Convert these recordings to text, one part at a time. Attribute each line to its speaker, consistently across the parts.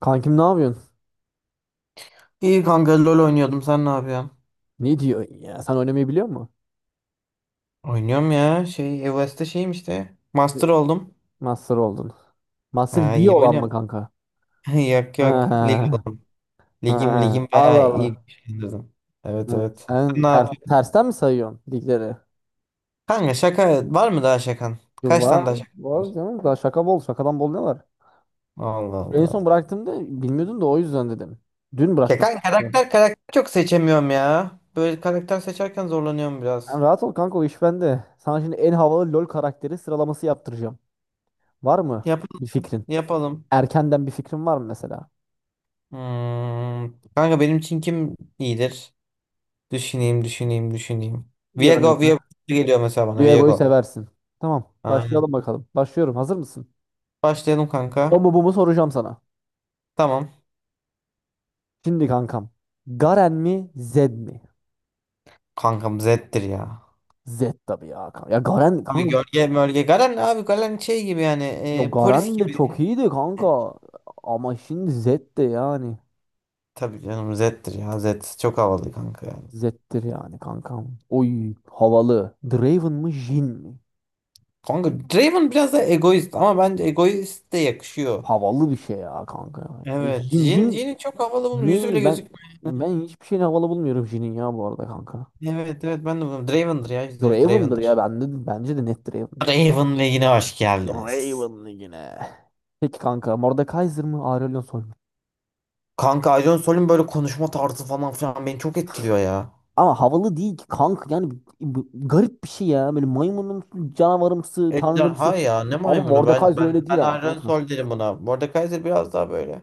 Speaker 1: Kankim ne yapıyorsun?
Speaker 2: İyi kanka LoL oynuyordum. Sen ne yapıyorsun?
Speaker 1: Ne diyor ya? Sen oynamayı biliyor musun?
Speaker 2: Oynuyorum ya. Şey evestte şeyim işte. Master oldum.
Speaker 1: Master oldun. Master
Speaker 2: Ha,
Speaker 1: iyi
Speaker 2: iyi
Speaker 1: olan mı
Speaker 2: oynuyorum.
Speaker 1: kanka?
Speaker 2: Yok yok. Lig
Speaker 1: Ha,
Speaker 2: oldum. Ligim ligim
Speaker 1: ha. Allah
Speaker 2: bayağı iyi
Speaker 1: Allah.
Speaker 2: güçlendirdim. Evet
Speaker 1: Ha,
Speaker 2: evet. Sen
Speaker 1: Sen
Speaker 2: Ne
Speaker 1: ter-
Speaker 2: yapıyorsun?
Speaker 1: tersten mi sayıyorsun ligleri?
Speaker 2: Kanka şaka var mı daha şakan?
Speaker 1: Yo,
Speaker 2: Kaç tane
Speaker 1: var,
Speaker 2: daha şakan var?
Speaker 1: var canım. Daha şaka bol. Şakadan bol ne var?
Speaker 2: Allah
Speaker 1: En son
Speaker 2: Allah.
Speaker 1: bıraktığımda bilmiyordun da o yüzden dedim. Dün
Speaker 2: Ya
Speaker 1: bıraktım.
Speaker 2: kanka
Speaker 1: Sen
Speaker 2: karakter karakter çok seçemiyorum ya. Böyle karakter seçerken zorlanıyorum biraz.
Speaker 1: rahat ol kanka o iş bende. Sana şimdi en havalı LoL karakteri sıralaması yaptıracağım. Var mı
Speaker 2: Yap
Speaker 1: bir fikrin?
Speaker 2: yapalım.
Speaker 1: Erkenden bir fikrin var mı mesela?
Speaker 2: Hmm. Kanka benim için kim iyidir? Düşüneyim, düşüneyim, düşüneyim.
Speaker 1: Bir örnek.
Speaker 2: Viego, Viego geliyor mesela bana.
Speaker 1: Diego'yu
Speaker 2: Viego.
Speaker 1: seversin. Tamam.
Speaker 2: Aynen.
Speaker 1: Başlayalım bakalım. Başlıyorum. Hazır mısın?
Speaker 2: Başlayalım
Speaker 1: O
Speaker 2: kanka.
Speaker 1: mu bu mu soracağım sana.
Speaker 2: Tamam.
Speaker 1: Şimdi kankam. Garen mi? Zed mi?
Speaker 2: Kankam Zed'dir ya.
Speaker 1: Zed tabii ya kanka. Ya Garen
Speaker 2: Abi
Speaker 1: kanka.
Speaker 2: gölge mölge. Galen abi Galen şey gibi yani.
Speaker 1: Ya
Speaker 2: Polis
Speaker 1: Garen de çok
Speaker 2: gibi.
Speaker 1: iyiydi kanka. Ama şimdi Zed de yani.
Speaker 2: Tabii canım Zed'dir ya. Zed çok havalı kanka yani.
Speaker 1: Zed'dir yani kankam. Oy havalı. Draven mı Jhin mi?
Speaker 2: Kanka Draven biraz da egoist ama bence egoist de yakışıyor.
Speaker 1: Havalı bir şey ya kanka.
Speaker 2: Evet.
Speaker 1: Jhin Jhin
Speaker 2: Jhin'i çok havalı, bunun yüzü bile
Speaker 1: ne? Ben
Speaker 2: gözükmüyor.
Speaker 1: ben hiçbir şeyin havalı bulmuyorum Jhin'in ya bu arada kanka.
Speaker 2: Evet evet ben de bunu. Draven'dır ya, yüzde yüz
Speaker 1: Draven'dır ya
Speaker 2: Draven'dır.
Speaker 1: bende bence de net Draven'dır.
Speaker 2: Draven'le yine hoş geldiniz.
Speaker 1: Raven yine. Peki kanka Mordekaiser mı Aurelion Sol mu?
Speaker 2: Kanka Aydın Sol'ün böyle konuşma tarzı falan filan beni çok etkiliyor ya.
Speaker 1: Ama havalı değil ki kanka yani garip bir şey ya. Böyle maymunumsu, canavarımsı, tanrımsı.
Speaker 2: Ejderha ya, ne
Speaker 1: Ama
Speaker 2: maymunu, ben
Speaker 1: Mordekaiser
Speaker 2: ben
Speaker 1: öyle
Speaker 2: ben
Speaker 1: değil ama
Speaker 2: Aydın
Speaker 1: kanka.
Speaker 2: Sol derim buna. Mordekaiser biraz daha böyle,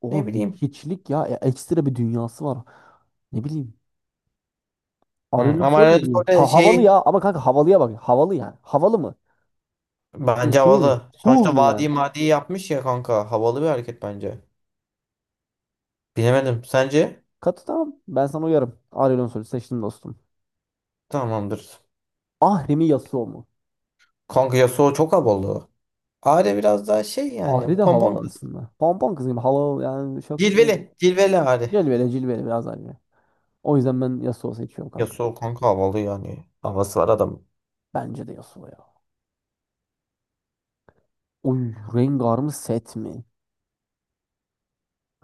Speaker 1: Oğlum
Speaker 2: ne bileyim.
Speaker 1: hiçlik ya. Ekstra bir dünyası var. Ne bileyim.
Speaker 2: Hı,
Speaker 1: Aurelion
Speaker 2: ama
Speaker 1: Sol
Speaker 2: Aydın
Speaker 1: mu?
Speaker 2: Sol de
Speaker 1: Ha, havalı
Speaker 2: şey,
Speaker 1: ya ama kanka havalıya bak. Havalı yani. Havalı mı? Yani
Speaker 2: bence
Speaker 1: şey mi?
Speaker 2: havalı.
Speaker 1: Cool
Speaker 2: Sonuçta
Speaker 1: mu
Speaker 2: vadi
Speaker 1: yani?
Speaker 2: madi yapmış ya kanka, havalı bir hareket bence. Bilemedim, sence?
Speaker 1: Katı tamam. Ben sana uyarım. Aurelion Sol'ü seçtim dostum.
Speaker 2: Tamamdır.
Speaker 1: Ahri mi Yasuo mu?
Speaker 2: Kanka Yasuo çok havalı. Ahri biraz daha şey
Speaker 1: Ahri
Speaker 2: yani,
Speaker 1: de
Speaker 2: pompon
Speaker 1: havalı
Speaker 2: kız.
Speaker 1: aslında. Pompon kız gibi havalı yani çok şey.
Speaker 2: Cilveli cilveli Ahri.
Speaker 1: Cilveli cilveli biraz anne. O yüzden ben Yasuo seçiyorum kanka.
Speaker 2: Yasuo kanka havalı yani. Havası var adam.
Speaker 1: Bence de Yasuo ya. Oy Rengar mı set mi?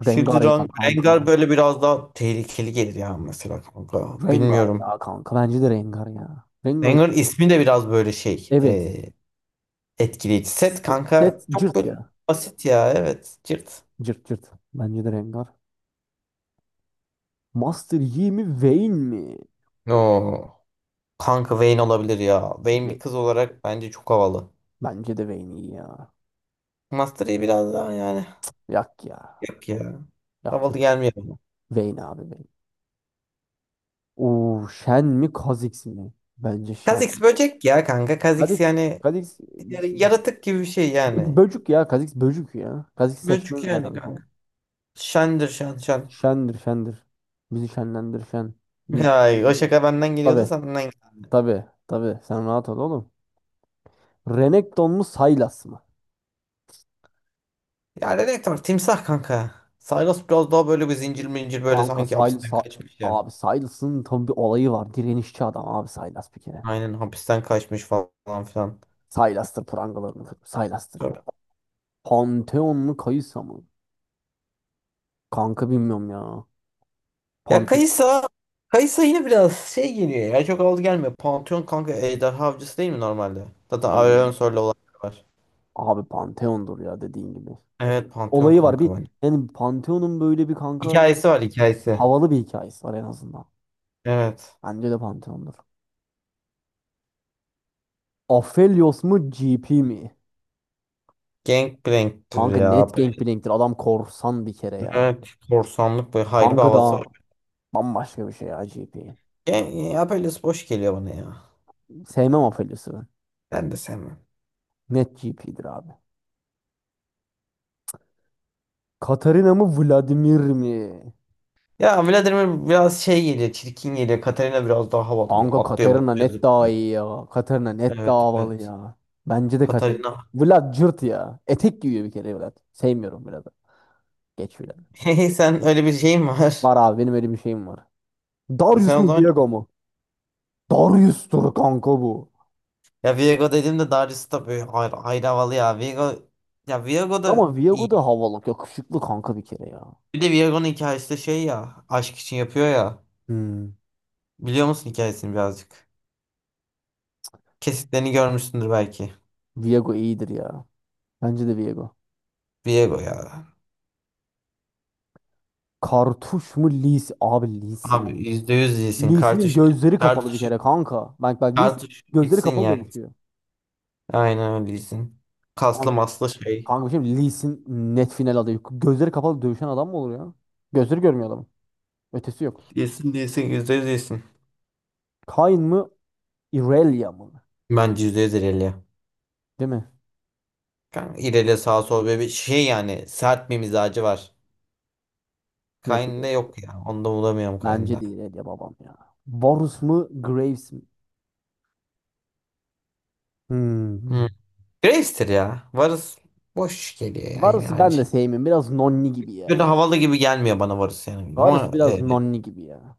Speaker 2: Şimdi
Speaker 1: Rengar ya kanka.
Speaker 2: Rengar böyle biraz daha tehlikeli gelir ya mesela kanka.
Speaker 1: Rengar
Speaker 2: Bilmiyorum.
Speaker 1: ya kanka. Bence de Rengar ya. Rengar
Speaker 2: Rengar ismi de biraz böyle şey,
Speaker 1: evet.
Speaker 2: etkileyici. Set kanka
Speaker 1: Set
Speaker 2: çok
Speaker 1: cırt
Speaker 2: böyle
Speaker 1: ya.
Speaker 2: basit ya, evet. Cırt.
Speaker 1: Cırt cırt. Bence de Rengar. Master Yi mi Vayne mi?
Speaker 2: Oo. Kanka Vayne olabilir ya. Vayne bir
Speaker 1: Ve-
Speaker 2: kız olarak bence çok havalı.
Speaker 1: Bence de Vayne iyi ya.
Speaker 2: Master Yi biraz daha yani.
Speaker 1: Yak ya.
Speaker 2: Yok ya.
Speaker 1: Yak
Speaker 2: Havalı
Speaker 1: yok.
Speaker 2: gelmiyor bana.
Speaker 1: Vayne abi Vayne. Oo Shen mi Kha'Zix mi? Bence Shen.
Speaker 2: Kha'Zix böcek ya kanka. Kha'Zix
Speaker 1: Kha'Zix.
Speaker 2: yani,
Speaker 1: Kha'Zix
Speaker 2: yani yaratık gibi bir şey yani.
Speaker 1: böcük ya. Kazix böcük ya. Kazix seçmem
Speaker 2: Böcek
Speaker 1: ya
Speaker 2: yani
Speaker 1: kankam.
Speaker 2: kanka. Şendir, şen şen.
Speaker 1: Şendir şendir. Bizi şenlendir şen. Yiğit.
Speaker 2: Ay, o şaka benden geliyordu,
Speaker 1: Tabi
Speaker 2: senden geldi.
Speaker 1: tabi tabi. Sen rahat ol oğlum. Renekton mu Sylas mı?
Speaker 2: Ya ne demek var? Timsah kanka. Saygos biraz daha böyle bir zincir mincir, böyle
Speaker 1: Kanka
Speaker 2: sanki
Speaker 1: Sylas.
Speaker 2: hapisten kaçmış ya.
Speaker 1: Abi Sylas'ın tam bir olayı var. Direnişçi adam abi Sylas bir kere.
Speaker 2: Aynen, hapisten kaçmış falan filan.
Speaker 1: Sylas'tır prangalarını kırıp. Sylas'tır ya. Pantheon mu Kayısa mı? Kanka bilmiyorum ya.
Speaker 2: Ya
Speaker 1: Pante
Speaker 2: Kaysa yine biraz şey geliyor ya, çok aldı gelmiyor. Pantheon kanka ejderha avcısı değil mi normalde? Zaten
Speaker 1: Oy.
Speaker 2: Aurelion olan var.
Speaker 1: Abi Pantheon'dur ya dediğin gibi.
Speaker 2: Evet, Pantheon
Speaker 1: Olayı var
Speaker 2: kanka
Speaker 1: bir
Speaker 2: bence.
Speaker 1: yani Pantheon'un böyle bir kanka
Speaker 2: Hikayesi var, hikayesi.
Speaker 1: havalı bir hikayesi var en azından.
Speaker 2: Evet.
Speaker 1: Bence de Pantheon'dur. Aphelios mu GP mi?
Speaker 2: Gangplank'tir
Speaker 1: Kanka
Speaker 2: ya.
Speaker 1: net Gangplank'tir. Adam korsan bir kere ya.
Speaker 2: Evet, korsanlık böyle hayri bir
Speaker 1: Kanka
Speaker 2: havası
Speaker 1: da
Speaker 2: var.
Speaker 1: bambaşka bir şey ya GP.
Speaker 2: Gen ya, böyle boş geliyor bana ya.
Speaker 1: Sevmem Aphelios'u ben.
Speaker 2: Ben de sevmem.
Speaker 1: Net GP'dir abi. Katarina mı Vladimir mi?
Speaker 2: Ya Vladimir biraz şey geliyor, çirkin geliyor. Katarina biraz daha havalı, böyle
Speaker 1: Kanka
Speaker 2: atlıyor
Speaker 1: Katarina
Speaker 2: atlıyor
Speaker 1: net daha
Speaker 2: zıplıyor.
Speaker 1: iyi ya. Katarina net
Speaker 2: Evet
Speaker 1: daha havalı
Speaker 2: evet.
Speaker 1: ya. Bence de Katarina.
Speaker 2: Katarina.
Speaker 1: Vlad cırt ya. Etek giyiyor bir kere Vlad. Sevmiyorum Vlad'ı. Geç Vlad'ı.
Speaker 2: Hey, sen öyle bir şeyin var.
Speaker 1: Var abi benim öyle bir şeyim var.
Speaker 2: Sen
Speaker 1: Darius
Speaker 2: o
Speaker 1: mu
Speaker 2: zaman,
Speaker 1: Viego mu? Darius'tur kanka bu.
Speaker 2: ya Viego dedim de Darius tabii böyle ayrı, ayrı havalı ya. Viego, ya Viego da
Speaker 1: Ama Viego
Speaker 2: iyi.
Speaker 1: da havalı. Yakışıklı kanka bir kere ya.
Speaker 2: Bir de Viego'nun hikayesi de şey ya, aşk için yapıyor ya.
Speaker 1: Hmm.
Speaker 2: Biliyor musun hikayesini birazcık? Kesitlerini görmüşsündür belki.
Speaker 1: Viego iyidir ya. Bence de Viego.
Speaker 2: Viego ya.
Speaker 1: Kartuş mu Lis? Abi Lis'in.
Speaker 2: Abi %100 iyisin.
Speaker 1: Lis'in
Speaker 2: Kartuş,
Speaker 1: gözleri kapalı bir
Speaker 2: kartuş,
Speaker 1: kere kanka. Bak bak Lis
Speaker 2: kartuş
Speaker 1: gözleri
Speaker 2: bitsin
Speaker 1: kapalı
Speaker 2: yani.
Speaker 1: dövüşüyor.
Speaker 2: Aynen öyle değilsin. Kaslı
Speaker 1: Kanka,
Speaker 2: maslı şey.
Speaker 1: kanka şimdi Lis'in net final adayı. Gözleri kapalı dövüşen adam mı olur ya? Gözleri görmüyor adamın. Ötesi yok.
Speaker 2: Değilsin, değilsin, yüzde yüz değilsin.
Speaker 1: Kayn mı? Irelia mı?
Speaker 2: Bence yüzde yüz İrelia.
Speaker 1: Değil mi?
Speaker 2: Kanka İrelia sağ sol, böyle bir şey yani, sert bir mizacı var.
Speaker 1: Net.
Speaker 2: Kayn'da yok ya. Onu da bulamıyorum
Speaker 1: Bence
Speaker 2: Kayn'da.
Speaker 1: de Irelia babam ya. Varus mu? Graves mi? Hmm. Hmm.
Speaker 2: Hmm. Graves'tir ya. Varus boş geliyor yani, yine
Speaker 1: Varus'u
Speaker 2: aynı
Speaker 1: ben de
Speaker 2: şey.
Speaker 1: sevmiyorum. Biraz nonni gibi ya.
Speaker 2: Böyle havalı gibi gelmiyor bana Varus yani.
Speaker 1: Varus
Speaker 2: Ama
Speaker 1: biraz nonni gibi ya.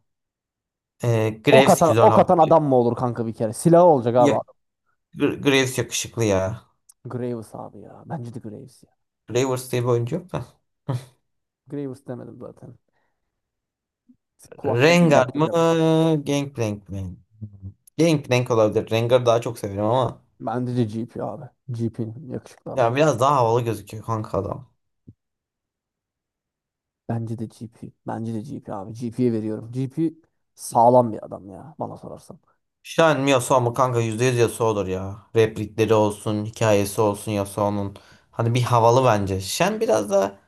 Speaker 1: Ok
Speaker 2: Graves
Speaker 1: atan,
Speaker 2: güzel,
Speaker 1: ok
Speaker 2: havalı.
Speaker 1: atan adam mı olur kanka bir kere? Silahı olacak abi.
Speaker 2: Ya, Graves yakışıklı ya.
Speaker 1: Graves abi ya. Bence de Graves ya.
Speaker 2: Gravers diye bir oyuncu yok da.
Speaker 1: Graves demedim zaten. Kulaklarım
Speaker 2: Rengar
Speaker 1: baktı
Speaker 2: mı?
Speaker 1: kardeşim.
Speaker 2: Gangplank mi? Gangplank olabilir. Rengar'ı daha çok severim ama.
Speaker 1: Bence de GP abi. GP yakışıklı adam.
Speaker 2: Ya biraz daha havalı gözüküyor kanka adam.
Speaker 1: Bence de GP. Bence de GP abi. GP'ye veriyorum. GP sağlam bir adam ya bana sorarsan.
Speaker 2: Shen mi Yasuo mu kanka, %100 Yasuo'dur ya. Replikleri olsun, hikayesi olsun Yasuo'nun. Hani bir havalı bence. Shen biraz da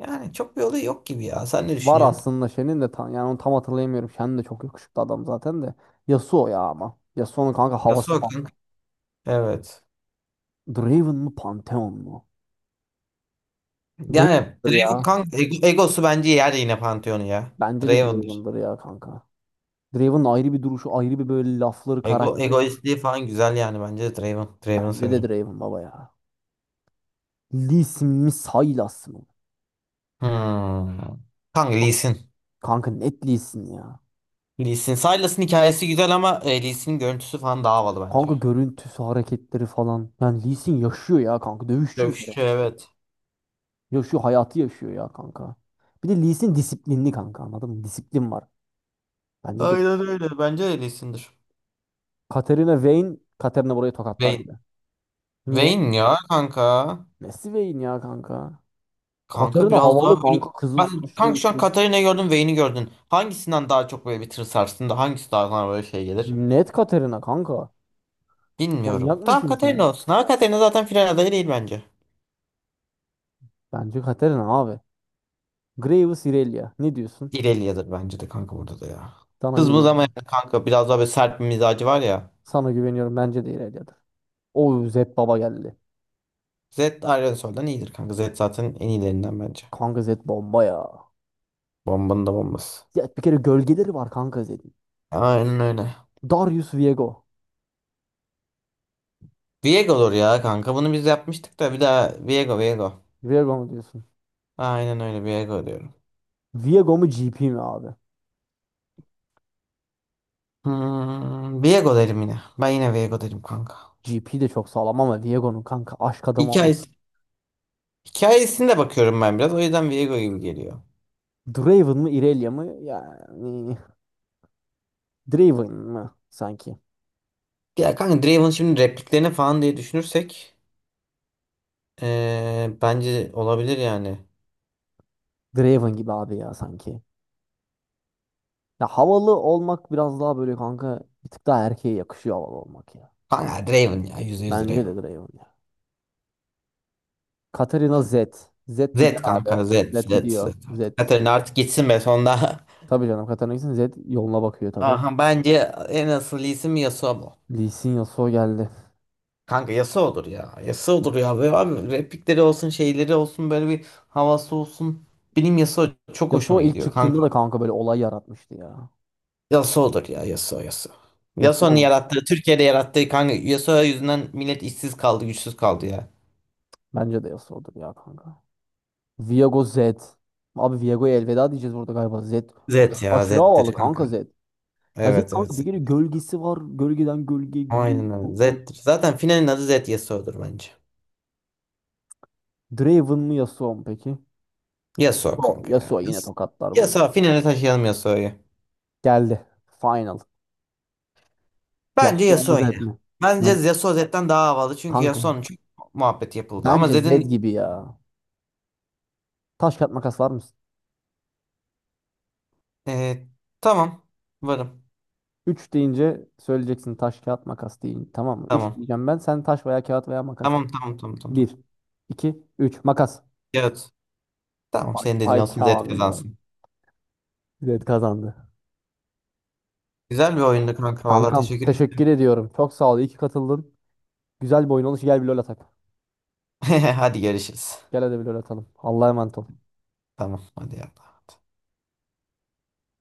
Speaker 2: yani, çok bir olayı yok gibi ya. Sen ne
Speaker 1: Var
Speaker 2: düşünüyorsun?
Speaker 1: aslında Shen'in de tam yani onu tam hatırlayamıyorum. Shen de çok yakışıklı adam zaten de. Yasuo ya ama. Yasuo'nun kanka havası
Speaker 2: Yasuo
Speaker 1: falan.
Speaker 2: kanka. Evet.
Speaker 1: Draven mı Pantheon mu?
Speaker 2: Yani
Speaker 1: Draven'dır
Speaker 2: Draven
Speaker 1: ya.
Speaker 2: kanka, egosu bence yer yine Pantheon'u ya.
Speaker 1: Bence de
Speaker 2: Draven'dır.
Speaker 1: Draven'dır ya kanka. Draven'ın ayrı bir duruşu, ayrı bir böyle lafları,
Speaker 2: Ego,
Speaker 1: karakteri.
Speaker 2: egoistliği falan güzel, yani bence de Draven. Draven'ı
Speaker 1: Bence de
Speaker 2: severim.
Speaker 1: Draven baba ya. Lee Sin mi Sylas mı?
Speaker 2: Hmm. Kanka
Speaker 1: Ha-
Speaker 2: Lee Sin.
Speaker 1: Kanka net Lee Sin ya.
Speaker 2: Lee Sin. Silas'ın hikayesi güzel ama Lee Sin'in görüntüsü falan daha havalı bence.
Speaker 1: Kanka görüntüsü, hareketleri falan. Yani Lee Sin yaşıyor ya kanka. Dövüşçü bir kere.
Speaker 2: Dövüşçü, evet.
Speaker 1: Yaşıyor, hayatı yaşıyor ya kanka. Bir de Lee Sin disiplinli kanka anladın mı? Disiplin var. Bence de.
Speaker 2: Aynen öyle. Bence de Lee Sin'dir.
Speaker 1: Katarina Vayne, Katarina burayı tokatlar bile.
Speaker 2: Vayne.
Speaker 1: Niye?
Speaker 2: Vayne ya kanka.
Speaker 1: Messi Vayne ya kanka.
Speaker 2: Kanka
Speaker 1: Katarina
Speaker 2: biraz daha
Speaker 1: havalı
Speaker 2: böyle...
Speaker 1: kanka. Kızıl
Speaker 2: Ben kanka,
Speaker 1: saçlı.
Speaker 2: şu an Katarina'yı gördüm, Vayne'i gördün. Hangisinden daha çok böyle bir tır sarsın da hangisi daha sana böyle şey gelir?
Speaker 1: Net Katerina kanka. Manyak
Speaker 2: Bilmiyorum. Tamam,
Speaker 1: mısın sen?
Speaker 2: Katarina olsun ama Katarina zaten final adayı değil bence.
Speaker 1: Bence Katerina abi. Graves Irelia. Ne diyorsun?
Speaker 2: İrelia'dır bence de kanka, burada da ya.
Speaker 1: Sana
Speaker 2: Kızımız ama
Speaker 1: güveniyorum.
Speaker 2: yani kanka, biraz daha böyle sert bir mizacı var ya.
Speaker 1: Sana güveniyorum. Bence de İrelia'dır. O Zed baba geldi.
Speaker 2: Zed Aerosol'dan iyidir kanka. Zed zaten en iyilerinden bence.
Speaker 1: Kanka Zed bomba ya.
Speaker 2: Bombanın da bombası.
Speaker 1: Ya bir kere gölgeleri var kanka Zed'in.
Speaker 2: Aynen öyle.
Speaker 1: Darius Viego.
Speaker 2: Viego olur ya kanka. Bunu biz yapmıştık da, bir daha Viego Viego.
Speaker 1: Viego mu diyorsun?
Speaker 2: Aynen öyle, Viego diyorum.
Speaker 1: Viego mu GP mi abi?
Speaker 2: Viego derim yine. Ben yine Viego derim kanka.
Speaker 1: GP de çok sağlam ama Viego'nun kanka aşk adamı ama.
Speaker 2: Hikayesi. Hikayesine de bakıyorum ben biraz. O yüzden Viego gibi geliyor.
Speaker 1: Draven mı Irelia mı? Yani Draven mı sanki?
Speaker 2: Ya kanka Draven, şimdi repliklerini falan diye düşünürsek bence olabilir yani.
Speaker 1: Draven gibi abi ya sanki. Ya havalı olmak biraz daha böyle kanka bir tık daha erkeğe yakışıyor havalı olmak ya.
Speaker 2: Kanka Draven ya, %100
Speaker 1: Bence
Speaker 2: Draven.
Speaker 1: de Draven ya. Katarina Z. Z
Speaker 2: Zed
Speaker 1: gider abi.
Speaker 2: kanka,
Speaker 1: Z
Speaker 2: Zed Zed
Speaker 1: gidiyor.
Speaker 2: Zed
Speaker 1: Z.
Speaker 2: artık. Katarina artık gitsin be sonunda.
Speaker 1: Tabii canım Katarina gitsin. Z yoluna bakıyor tabii.
Speaker 2: Aha, bence en asıl isim Yasuo bu.
Speaker 1: Lee Sin Yasuo geldi.
Speaker 2: Kanka Yasuo'dur ya. Yasuo'dur ya. Ve abi replikleri olsun, şeyleri olsun, böyle bir havası olsun. Benim Yasuo çok
Speaker 1: Yasuo
Speaker 2: hoşuma
Speaker 1: ilk
Speaker 2: gidiyor
Speaker 1: çıktığında
Speaker 2: kanka.
Speaker 1: da kanka böyle olay yaratmıştı ya.
Speaker 2: Yasuo'dur ya, Yasuo Yasuo.
Speaker 1: Yasuo
Speaker 2: Yasuo'nun
Speaker 1: mu?
Speaker 2: yarattığı, Türkiye'de yarattığı kanka, Yasuo yüzünden millet işsiz kaldı, güçsüz kaldı ya.
Speaker 1: Bence de Yasuo'dur ya kanka. Viego Z. Abi Viego'ya elveda diyeceğiz burada galiba. Z.
Speaker 2: Zed ya,
Speaker 1: Aşırı havalı
Speaker 2: Zed'dir kanka.
Speaker 1: kanka Z. Ya Z
Speaker 2: Evet evet,
Speaker 1: kanka bir
Speaker 2: Zed.
Speaker 1: kere gölgesi var. Gölgeden gölgeye gidiyor.
Speaker 2: Aynen öyle Zed'dir. Zaten finalin adı Zed Yasuo'dur bence.
Speaker 1: Draven mı Yasuo mu peki?
Speaker 2: Yasuo
Speaker 1: Yasuo,
Speaker 2: kanka ya.
Speaker 1: Yasuo yine tokatlar bunu.
Speaker 2: Yasuo finale taşıyalım, Yasuo'yu.
Speaker 1: Geldi. Final.
Speaker 2: Bence
Speaker 1: Yasuo mu
Speaker 2: Yasuo
Speaker 1: Zed
Speaker 2: yine.
Speaker 1: mi?
Speaker 2: Bence
Speaker 1: Yani
Speaker 2: Yasuo Zed'den daha havalı. Çünkü
Speaker 1: kankam
Speaker 2: Yasuo'nun çok muhabbet yapıldı. Ama
Speaker 1: bence Zed
Speaker 2: Zed'in,
Speaker 1: gibi ya. Taş kağıt makas var mısın?
Speaker 2: e, tamam. Varım.
Speaker 1: Üç deyince söyleyeceksin taş kağıt makas deyin. Tamam mı? 3
Speaker 2: Tamam.
Speaker 1: diyeceğim ben. Sen taş veya kağıt veya makas.
Speaker 2: Tamam tamam tamam tamam tamam.
Speaker 1: Bir 2 3 makas.
Speaker 2: Evet. Tamam,
Speaker 1: Vay,
Speaker 2: senin dediğin
Speaker 1: vay
Speaker 2: olsun, Zed
Speaker 1: Kamil vay.
Speaker 2: kazansın.
Speaker 1: Zed kazandı.
Speaker 2: Güzel bir oyundu kanka. Valla
Speaker 1: Kankam
Speaker 2: teşekkür
Speaker 1: teşekkür
Speaker 2: ederim.
Speaker 1: ediyorum. Çok sağ ol. İyi ki katıldın. Güzel bir oyun olmuş. Gel bir lol atak.
Speaker 2: Hadi görüşürüz.
Speaker 1: Gel hadi bir lol atalım. Allah'a emanet ol.
Speaker 2: Tamam, hadi ya.